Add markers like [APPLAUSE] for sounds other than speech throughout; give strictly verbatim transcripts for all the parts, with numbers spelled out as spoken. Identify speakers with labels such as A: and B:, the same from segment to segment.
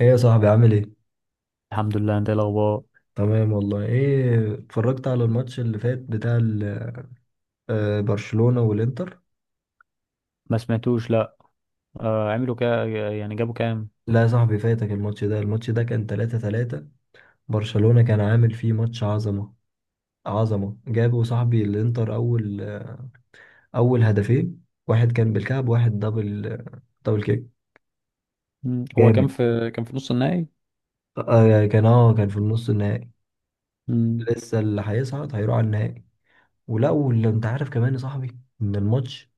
A: ايه يا صاحبي عامل ايه؟
B: الحمد لله، انت ايه الاخبار؟
A: تمام والله ايه اتفرجت على الماتش اللي فات بتاع ال- آه، برشلونة والانتر؟
B: ما سمعتوش، لا. آه عملوا كا يعني جابوا كام؟
A: لا يا صاحبي فاتك الماتش ده الماتش ده كان تلاتة تلاتة. برشلونة كان عامل فيه ماتش عظمة عظمة جابوا صاحبي الانتر اول اول هدفين، واحد كان بالكعب واحد دبل دبل كيك
B: مم. هو كان
A: جامد.
B: في كان في نص النهائي.
A: آه، آه، كان اه كان في النص النهائي.
B: مم.
A: لسه اللي هيصعد هيروح على النهائي. ولا واللي انت عارف كمان يا صاحبي ان الماتش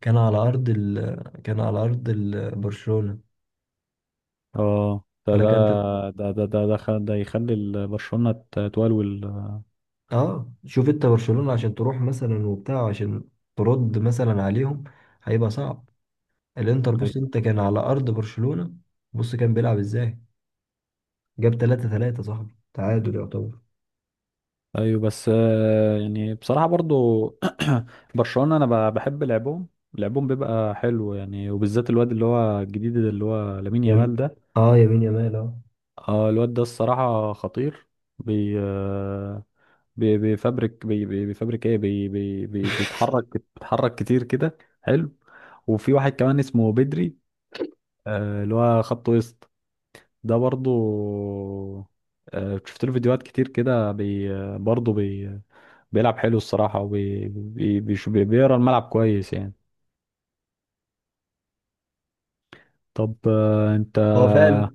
A: كان على ارض ال... كان على ارض ال... برشلونة.
B: اه، ده
A: انا
B: ده
A: تمام كانت.
B: ده ده ده ده, خ- ده يخلي ال- برشلونة ت- تولول، آه،
A: اه شوف انت برشلونة عشان تروح مثلا وبتاع، عشان ترد مثلا عليهم هيبقى صعب. الانتر بص
B: ايوه.
A: انت كان على ارض برشلونة، بص كان بيلعب ازاي، جاب تلاتة تلاتة صاحبي، تعادل يعتبر.
B: ايوه، بس آه يعني بصراحة برضو. [CLEARS THROAT] برشلونة انا ب- بحب لعبهم. لعبهم بيبقى حلو يعني، وبالذات الواد اللي هو الجديد ده اللي هو لامين يامال
A: يم...
B: ده.
A: اه يمين يمال. اه،
B: اه، الواد ده الصراحة خطير. بي آه، بي- بيفبرك بي- بي- بيفبرك ايه، بي بي بي بيتحرك بيتحرك كتير كده حلو. وفي واحد كمان اسمه بدري، آه، اللي هو خط وسط. ده برضو، آه، شفت له فيديوهات كتير كده، بي آه، برضو بي بيلعب حلو الصراحة، وبي بي بيش- بي- بيقرا الملعب كويس يعني. طب آه، انت.
A: هو فعلا.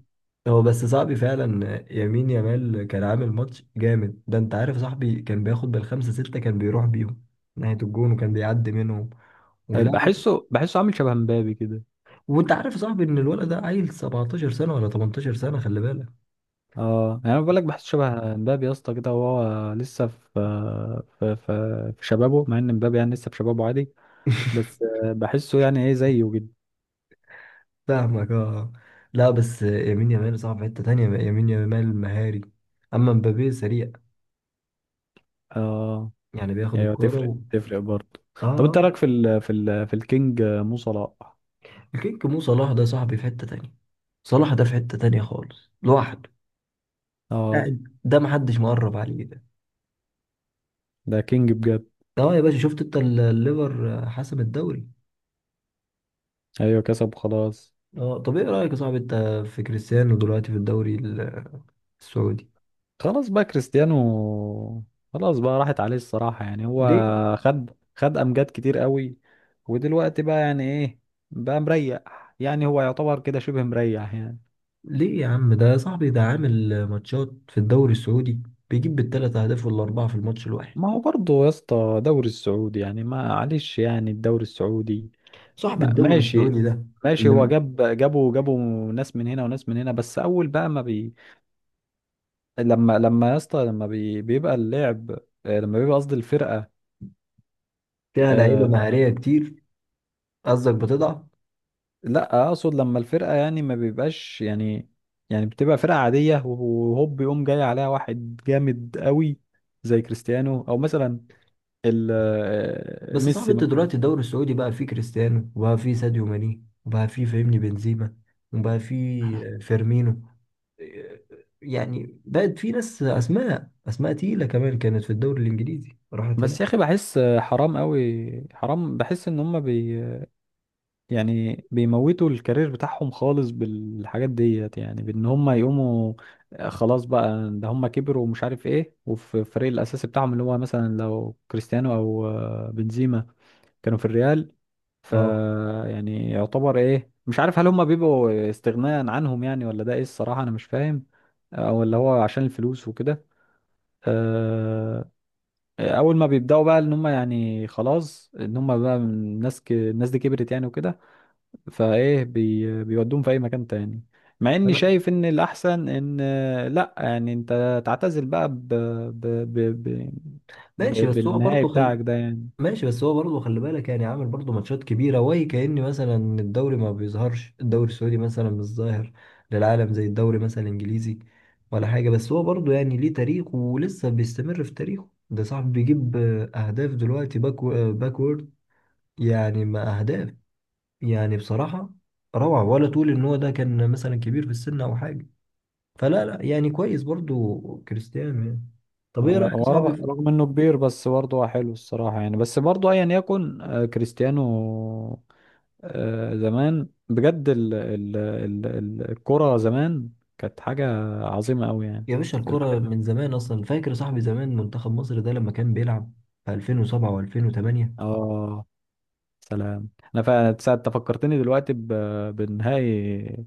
A: هو بس صاحبي فعلا يمين يمال كان عامل ماتش جامد، ده انت عارف صاحبي كان بياخد بالخمسة ستة، كان بيروح بيهم ناحية الجون وكان بيعدي منهم ولا.
B: بحسه بحسه عامل شبه مبابي كده.
A: وانت عارف صاحبي ان الولد ده عيل 17 سنة ولا 18 سنة، خلي بالك.
B: اه، يعني انا بقول لك بحسه شبه مبابي يا اسطى كده، وهو لسه في آه، في في في شبابه، مع ان مبابي يعني لسه في شبابه عادي. بس آه، بحسه يعني ايه زيه جدا.
A: فاهمك اه. لا بس يمين يامال صعب في حتة تانية، يمين يامال مهاري، أما مبابي سريع.
B: اه،
A: يعني بياخد
B: ايوه،
A: الكورة
B: تفرق
A: و...
B: تفرق برضه.
A: اه.
B: طب انت
A: آه.
B: رايك في ال في ال في الكينج آه، مو صلاح؟
A: الكيك مو صلاح ده صاحبي في حتة تانية، صلاح ده في حتة تانية خالص لوحده
B: اه،
A: قاعد، ده محدش مقرب عليه ده.
B: ده كينج بجد.
A: اه يا باشا شفت انت ال- الليفر حسم الدوري.
B: ايوه، كسب خلاص.
A: اه، طب ايه رأيك يا صاحبي انت في كريستيانو دلوقتي في الدوري ال- السعودي؟
B: خلاص بقى كريستيانو، خلاص بقى راحت عليه الصراحة يعني. هو
A: ليه؟
B: خد خد امجاد كتير قوي، ودلوقتي بقى يعني ايه، بقى مريح يعني، هو يعتبر كده شبه مريح يعني.
A: ليه يا عم ده، يا صاحبي ده عامل ماتشات في الدوري السعودي، بيجيب بالثلاث اهداف والاربعة في الماتش الواحد.
B: ما هو برضه يا اسطى دوري السعودي يعني، ما معلش يعني الدوري السعودي.
A: صاحب
B: ما-
A: الدوري
B: ماشي،
A: السعودي ده
B: ماشي. هو
A: اللي
B: جاب جابوا جابوا ناس من هنا وناس من هنا، بس اول بقى ما بي لما لما يا اسطى لما بي... بيبقى اللعب، آه، لما بيبقى قصدي الفرقه.
A: فيها لعيبه
B: آه...
A: مهاريه كتير. قصدك بتضعف.
B: لا، اقصد لما الفرقه يعني ما بيبقاش يعني، يعني بتبقى فرقه عاديه، وهوب يقوم جاي عليها واحد جامد قوي زي كريستيانو او مثلا ال... آه،
A: بس صاحب
B: ميسي
A: انت
B: مثلا.
A: دلوقتي الدوري السعودي بقى فيه كريستيانو وبقى فيه ساديو ماني وبقى فيه فاهمني بنزيما وبقى فيه فيرمينو، يعني بقت في ناس اسماء، اسماء تقيله كمان كانت في الدوري الانجليزي راحت هناك.
B: بس يا اخي بحس حرام قوي، حرام، بحس ان هم بي يعني بيموتوا الكارير بتاعهم خالص بالحاجات ديت، يعني بان هم يقوموا آه، خلاص بقى ده هم كبروا ومش عارف ايه، وفي الفريق الاساسي بتاعهم اللي هو مثلا لو كريستيانو او آه، بنزيما كانوا في الريال. ف
A: اه.
B: يعني يعتبر ايه، مش عارف هل هم بيبقوا استغناء عنهم يعني، ولا ده ايه، الصراحة انا مش فاهم. او اللي هو عشان الفلوس وكده، آه، اول ما بيبداوا بقى ان هم يعني خلاص ان هم بقى الناس ك... الناس دي كبرت يعني وكده، فايه بي بيودوهم في اي مكان تاني، مع اني
A: انا
B: شايف ان الاحسن ان آه، لا يعني انت تعتزل بقى ب... ب... ب... ب...
A: ماشي
B: ب...
A: بس هو
B: بالنهائي
A: برضه
B: بتاعك ده يعني.
A: ماشي بس هو برضه خلي بالك، يعني عامل برضه ماتشات كبيرة، وهي كأن مثلا الدوري ما بيظهرش، الدوري السعودي مثلا مش ظاهر للعالم زي الدوري مثلا الإنجليزي ولا حاجة، بس هو برضه يعني ليه تاريخ ولسه بيستمر في تاريخه ده صاحب، بيجيب آه، أهداف دلوقتي باك آه، باكورد يعني. ما أهداف، يعني بصراحة روعة. ولا تقول إن هو ده كان مثلا كبير في السن أو حاجة، فلا لا يعني كويس برضه كريستيانو يعني. طب إيه
B: آه،
A: رأيك
B: هو
A: صعب.
B: رغ- رغم انه كبير بس برضه هو حلو الصراحة يعني، بس برضه ايا يكن آه، كريستيانو. آه، زمان بجد ال... ال... ال... ال- الكرة زمان كانت حاجة عظيمة قوي يعني.
A: يا باشا الكرة
B: الواحد،
A: من زمان أصلا، فاكر صاحبي زمان منتخب مصر ده لما كان بيلعب في ألفين وسبعة و2008؟
B: اه، سلام. انا فعلا ساعة أنت فكرتني دلوقتي ب... بنهائي،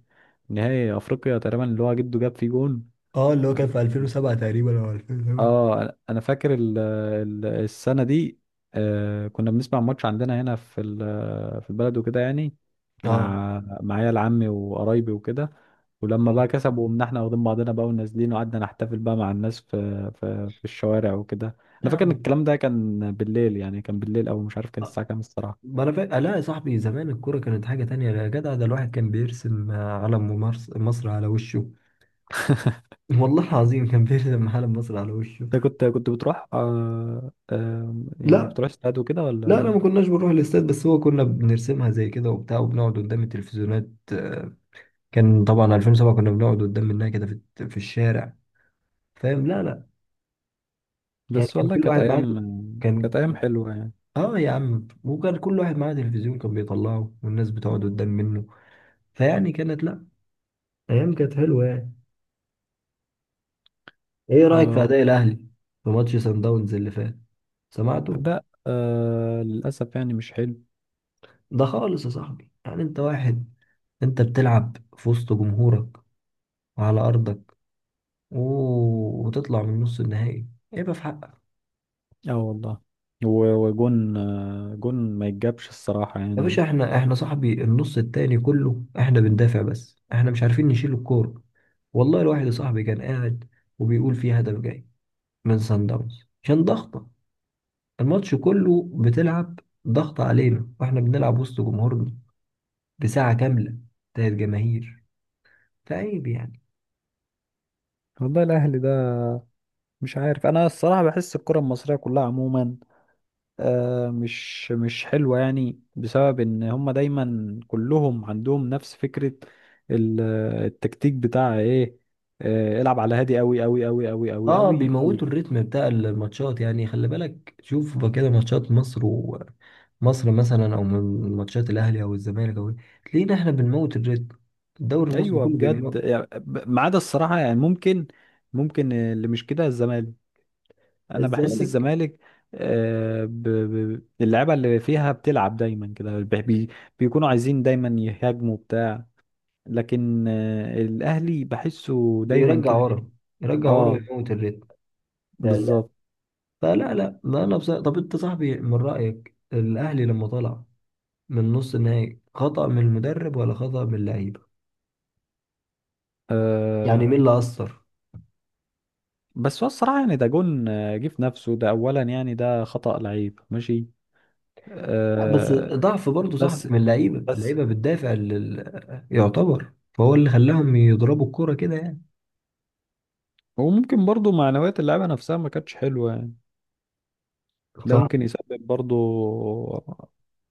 B: نهائي افريقيا تقريبا اللي هو جده جاب فيه جون.
A: اه، اللي هو كان في ألفين وسبعة تقريبا او ألفين وتمانية.
B: اه، انا أنا فاكر ال... ال- السنة دي. آه، كنا بنسمع ماتش عندنا هنا في ال... في البلد وكده يعني،
A: اه.
B: مع مع عيال عمي وقرايبي وكده. ولما
A: اه.
B: بقى كسبوا، ومن احنا واخدين بعضنا بقى ونازلين، وقعدنا نحتفل بقى مع الناس في في, في الشوارع وكده. انا فاكر ان
A: نعم.
B: الكلام ده كان بالليل يعني، كان بالليل، او مش عارف كان
A: آه.
B: الساعة كام الصراحة.
A: ما أنا فاكر. لا يا صاحبي زمان الكرة كانت حاجة تانية يا جدع، ده الواحد كان بيرسم آه، علم ممارس- مصر على وشه. [LAUGHS] والله العظيم كان بيرسم علم مصر على وشه.
B: انت كنت كنت بتروح آه آه يعني
A: لا.
B: بتروح استاد وكده
A: لا لا،
B: ولا؟
A: ما كناش بنروح الاستاد، بس هو كنا بنرسمها زي كده وبتاع وبنقعد قدام التلفزيونات. آه، كان طبعا ألفين وسبعة كنا بنقعد قدام منها كده في في الشارع، فاهم. لا لا. يعني
B: بس
A: كان
B: والله
A: كل
B: كانت
A: واحد معاه،
B: ايام،
A: كان
B: كانت ايام حلوه يعني.
A: اه يا عم، وكان كل واحد معاه تلفزيون كان بيطلعه والناس بتقعد قدام منه. فيعني كانت، لا، ايام كانت حلوه يعني. ايه رايك في
B: آه
A: اداء الاهلي في ماتش سان داونز اللي فات؟ سمعته؟
B: لا، آه للاسف يعني، مش حلو.
A: ده خالص يا صاحبي، يعني انت واحد، انت بتلعب في وسط جمهورك وعلى ارضك و... وتطلع من نص النهائي، ايه بقى في حقك؟
B: اه، والله. و- وجون، آه جون ما يتجابش الصراحه
A: يا
B: يعني.
A: باشا احنا احنا صاحبي النص التاني كله احنا بندافع، بس احنا مش عارفين نشيل الكورة. والله الواحد صاحبي كان قاعد وبيقول في هدف جاي من سان داونز عشان ضغطة، الماتش كله بتلعب ضغط علينا واحنا بنلعب وسط جمهورنا بساعة كاملة بتاعت جماهير، فعيب يعني.
B: والله الاهلي ده، مش عارف انا الصراحه. بحس الكره المصريه كلها عموما آه، مش مش حلوة يعني، بسبب ان هم دايما كلهم عندهم نفس فكرة ال- التكتيك بتاع ايه، آه، العب على هادي قوي قوي قوي قوي قوي
A: اه،
B: قوي قوي.
A: بيموتوا الريتم بتاع الماتشات يعني، خلي بالك شوف بقى كده ماتشات مصر و مصر مثلا، او من ماتشات الاهلي او الزمالك او إيه، تلاقينا احنا بنموت الريتم، الدوري المصري
B: ايوه
A: كله
B: بجد
A: بيموت.
B: يعني ب- ما عدا الصراحة يعني، ممكن ممكن اللي مش كده الزمالك. انا بحس
A: الزمالك
B: الزمالك آه، ب- ب- اللعيبة اللي فيها بتلعب دايما كده، بي- بي- بيكونوا عايزين دايما يهاجموا بتاع. لكن آه، الاهلي بحسه دايما
A: بيرجع
B: كده إيه،
A: ورا، يرجع ورا
B: اه،
A: ويموت الريتم. لا لا.
B: بالظبط.
A: فلا لا لا، انا بصراحة، طب انت صاحبي من رأيك الاهلي لما طلع من نص النهائي خطأ من المدرب ولا خطأ من اللعيبة؟
B: أه،
A: يعني مين اللي أثر؟
B: بس هو الصراحة يعني ده جون، آه، جه في نفسه ده أولا يعني، ده خطأ لعيب ماشي.
A: لا، بس
B: أه
A: ضعف برضه صاحبي
B: بس
A: من اللعيبة،
B: بس
A: اللعيبة بتدافع لل... يعتبر، فهو اللي خلاهم يضربوا الكرة كده يعني.
B: وممكن برضو معنويات اللعيبة نفسها ما كانتش حلوة يعني، ده ممكن يسبب برضو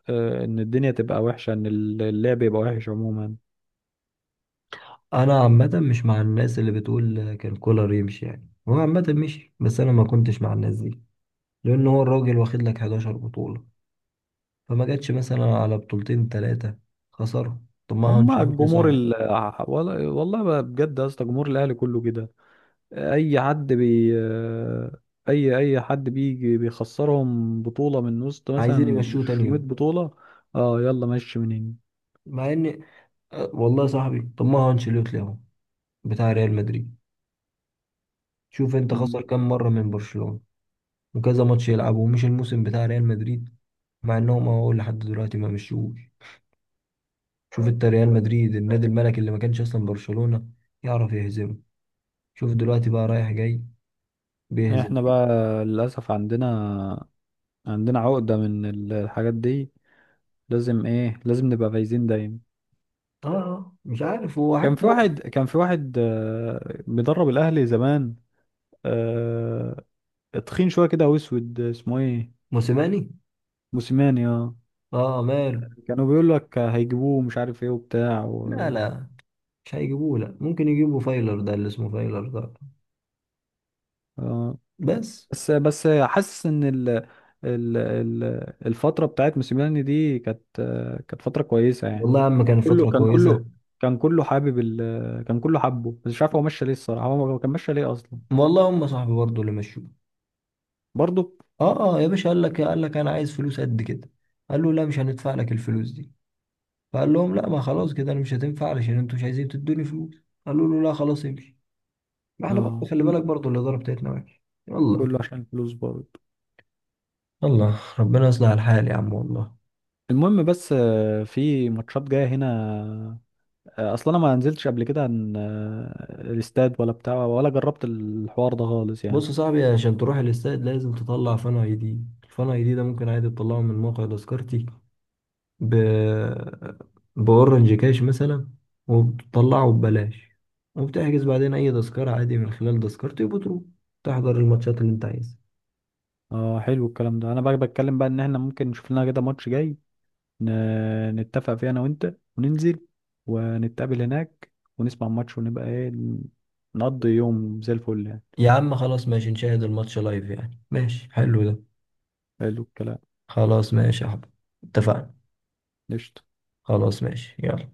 B: أه إن الدنيا تبقى وحشة، إن اللعب يبقى وحش عموما.
A: فأنا عامة مش مع الناس اللي بتقول كان كولر يمشي، يعني هو عامة مشي بس أنا ما كنتش مع الناس دي، لأن هو الراجل واخد لك 11 بطولة، فما جاتش مثلا على بطولتين ثلاثة خسروا. طب ما هو
B: هما
A: انشيلوتي
B: الجمهور
A: صاحبي.
B: ال... ولا- والله بقى بجد يا اسطى جمهور الأهلي كله كده، اي حد بي اي اي حد بيجي بيخسرهم بطولة من وسط
A: عايزين
B: مثلا
A: يمشوه تاني
B: ستمية
A: يوم،
B: بطولة، اه يلا مشي من هنا.
A: مع ان. أه، والله يا صاحبي طب ما هو انشيلوتي اهو بتاع ريال مدريد، شوف انت خسر
B: مم.
A: كام مرة من برشلونة وكذا ماتش يلعبه ومش الموسم بتاع ريال مدريد، مع انهم اهو لحد دلوقتي ما مشوش. شوف انت ريال مدريد النادي الملكي اللي ما كانش اصلا برشلونة يعرف يهزمه، شوف دلوقتي بقى رايح جاي بيهزم.
B: احنا بقى للاسف عندنا، عندنا عقدة من ال- الحاجات دي، لازم ايه، لازم نبقى فايزين دايما.
A: اه، آه، مش عارف هو
B: كان
A: حتى
B: في
A: هو.
B: واحد، كان في واحد آه، بيدرب الاهلي زمان، آه، تخين شوية كده واسود، اسمه ايه؟
A: موسيماني.
B: موسيماني، اه.
A: اه ماله؟
B: كانوا بيقول لك هيجيبوه مش عارف ايه وبتاع و...
A: لا لا مش هيجيبوه، لا ممكن يجيبوا فايلر ده اللي اسمه فايلر ده
B: آه.
A: بس.
B: بس، بس حاسس ان ال ال ال الفتره بتاعت موسيماني دي كانت كانت فتره كويسه يعني.
A: والله يا عم كانت
B: كله
A: فترة
B: كان
A: كويسة.
B: كله كان كله حابب ال كان كله حبه، بس مش عارف هو مشى ليه الصراحه، هو ما كان مشى ليه اصلا.
A: والله هم صاحبي برضه اللي مشوه.
B: برضه،
A: اه. اه يا باشا، قال لك قال لك انا عايز فلوس قد كده، قال له لا مش هندفع لك الفلوس دي. فقال لهم لا، ما خلاص كده انا مش هتنفع علشان انتوا مش عايزين تدوني فلوس. قالوا له لا خلاص امشي. ما احنا برضه
B: اه،
A: خلي
B: كل
A: بالك برضه الإدارة بتاعتنا وحشة. يلا.
B: كله عشان الفلوس برضه.
A: يلا ربنا يصلح الحال يا عم والله.
B: المهم، بس آه، في ماتشات جايه هنا، آه، اصلا انا ما نزلتش قبل كده عن آه، الاستاد ولا بتاع، ولا جربت الحوار ده خالص يعني.
A: بص يا صاحبي عشان تروح الاستاد لازم تطلع فان اي دي. الفان اي دي ده ممكن عادي تطلعه من موقع تذكرتي ب... بأورنج كاش مثلا، وبتطلعه ببلاش، وبتحجز بعدين أي تذكرة عادي من خلال تذكرتي، وبتروح تحضر الماتشات اللي أنت عايزها.
B: اه، حلو الكلام ده. انا بقى بتكلم بقى ان احنا ممكن نشوف لنا كده ماتش جاي، ن- نتفق فيها انا وانت وننزل، ونتقابل هناك ونسمع الماتش، ونبقى ايه، نقضي يوم زي الفل يعني.
A: يا عم خلاص ماشي، نشاهد الماتش لايف يعني، ماشي حلو ده.
B: حلو الكلام.
A: خلاص ماشي يا حبيبي، اتفقنا.
B: قشطة.
A: خلاص ماشي يلا.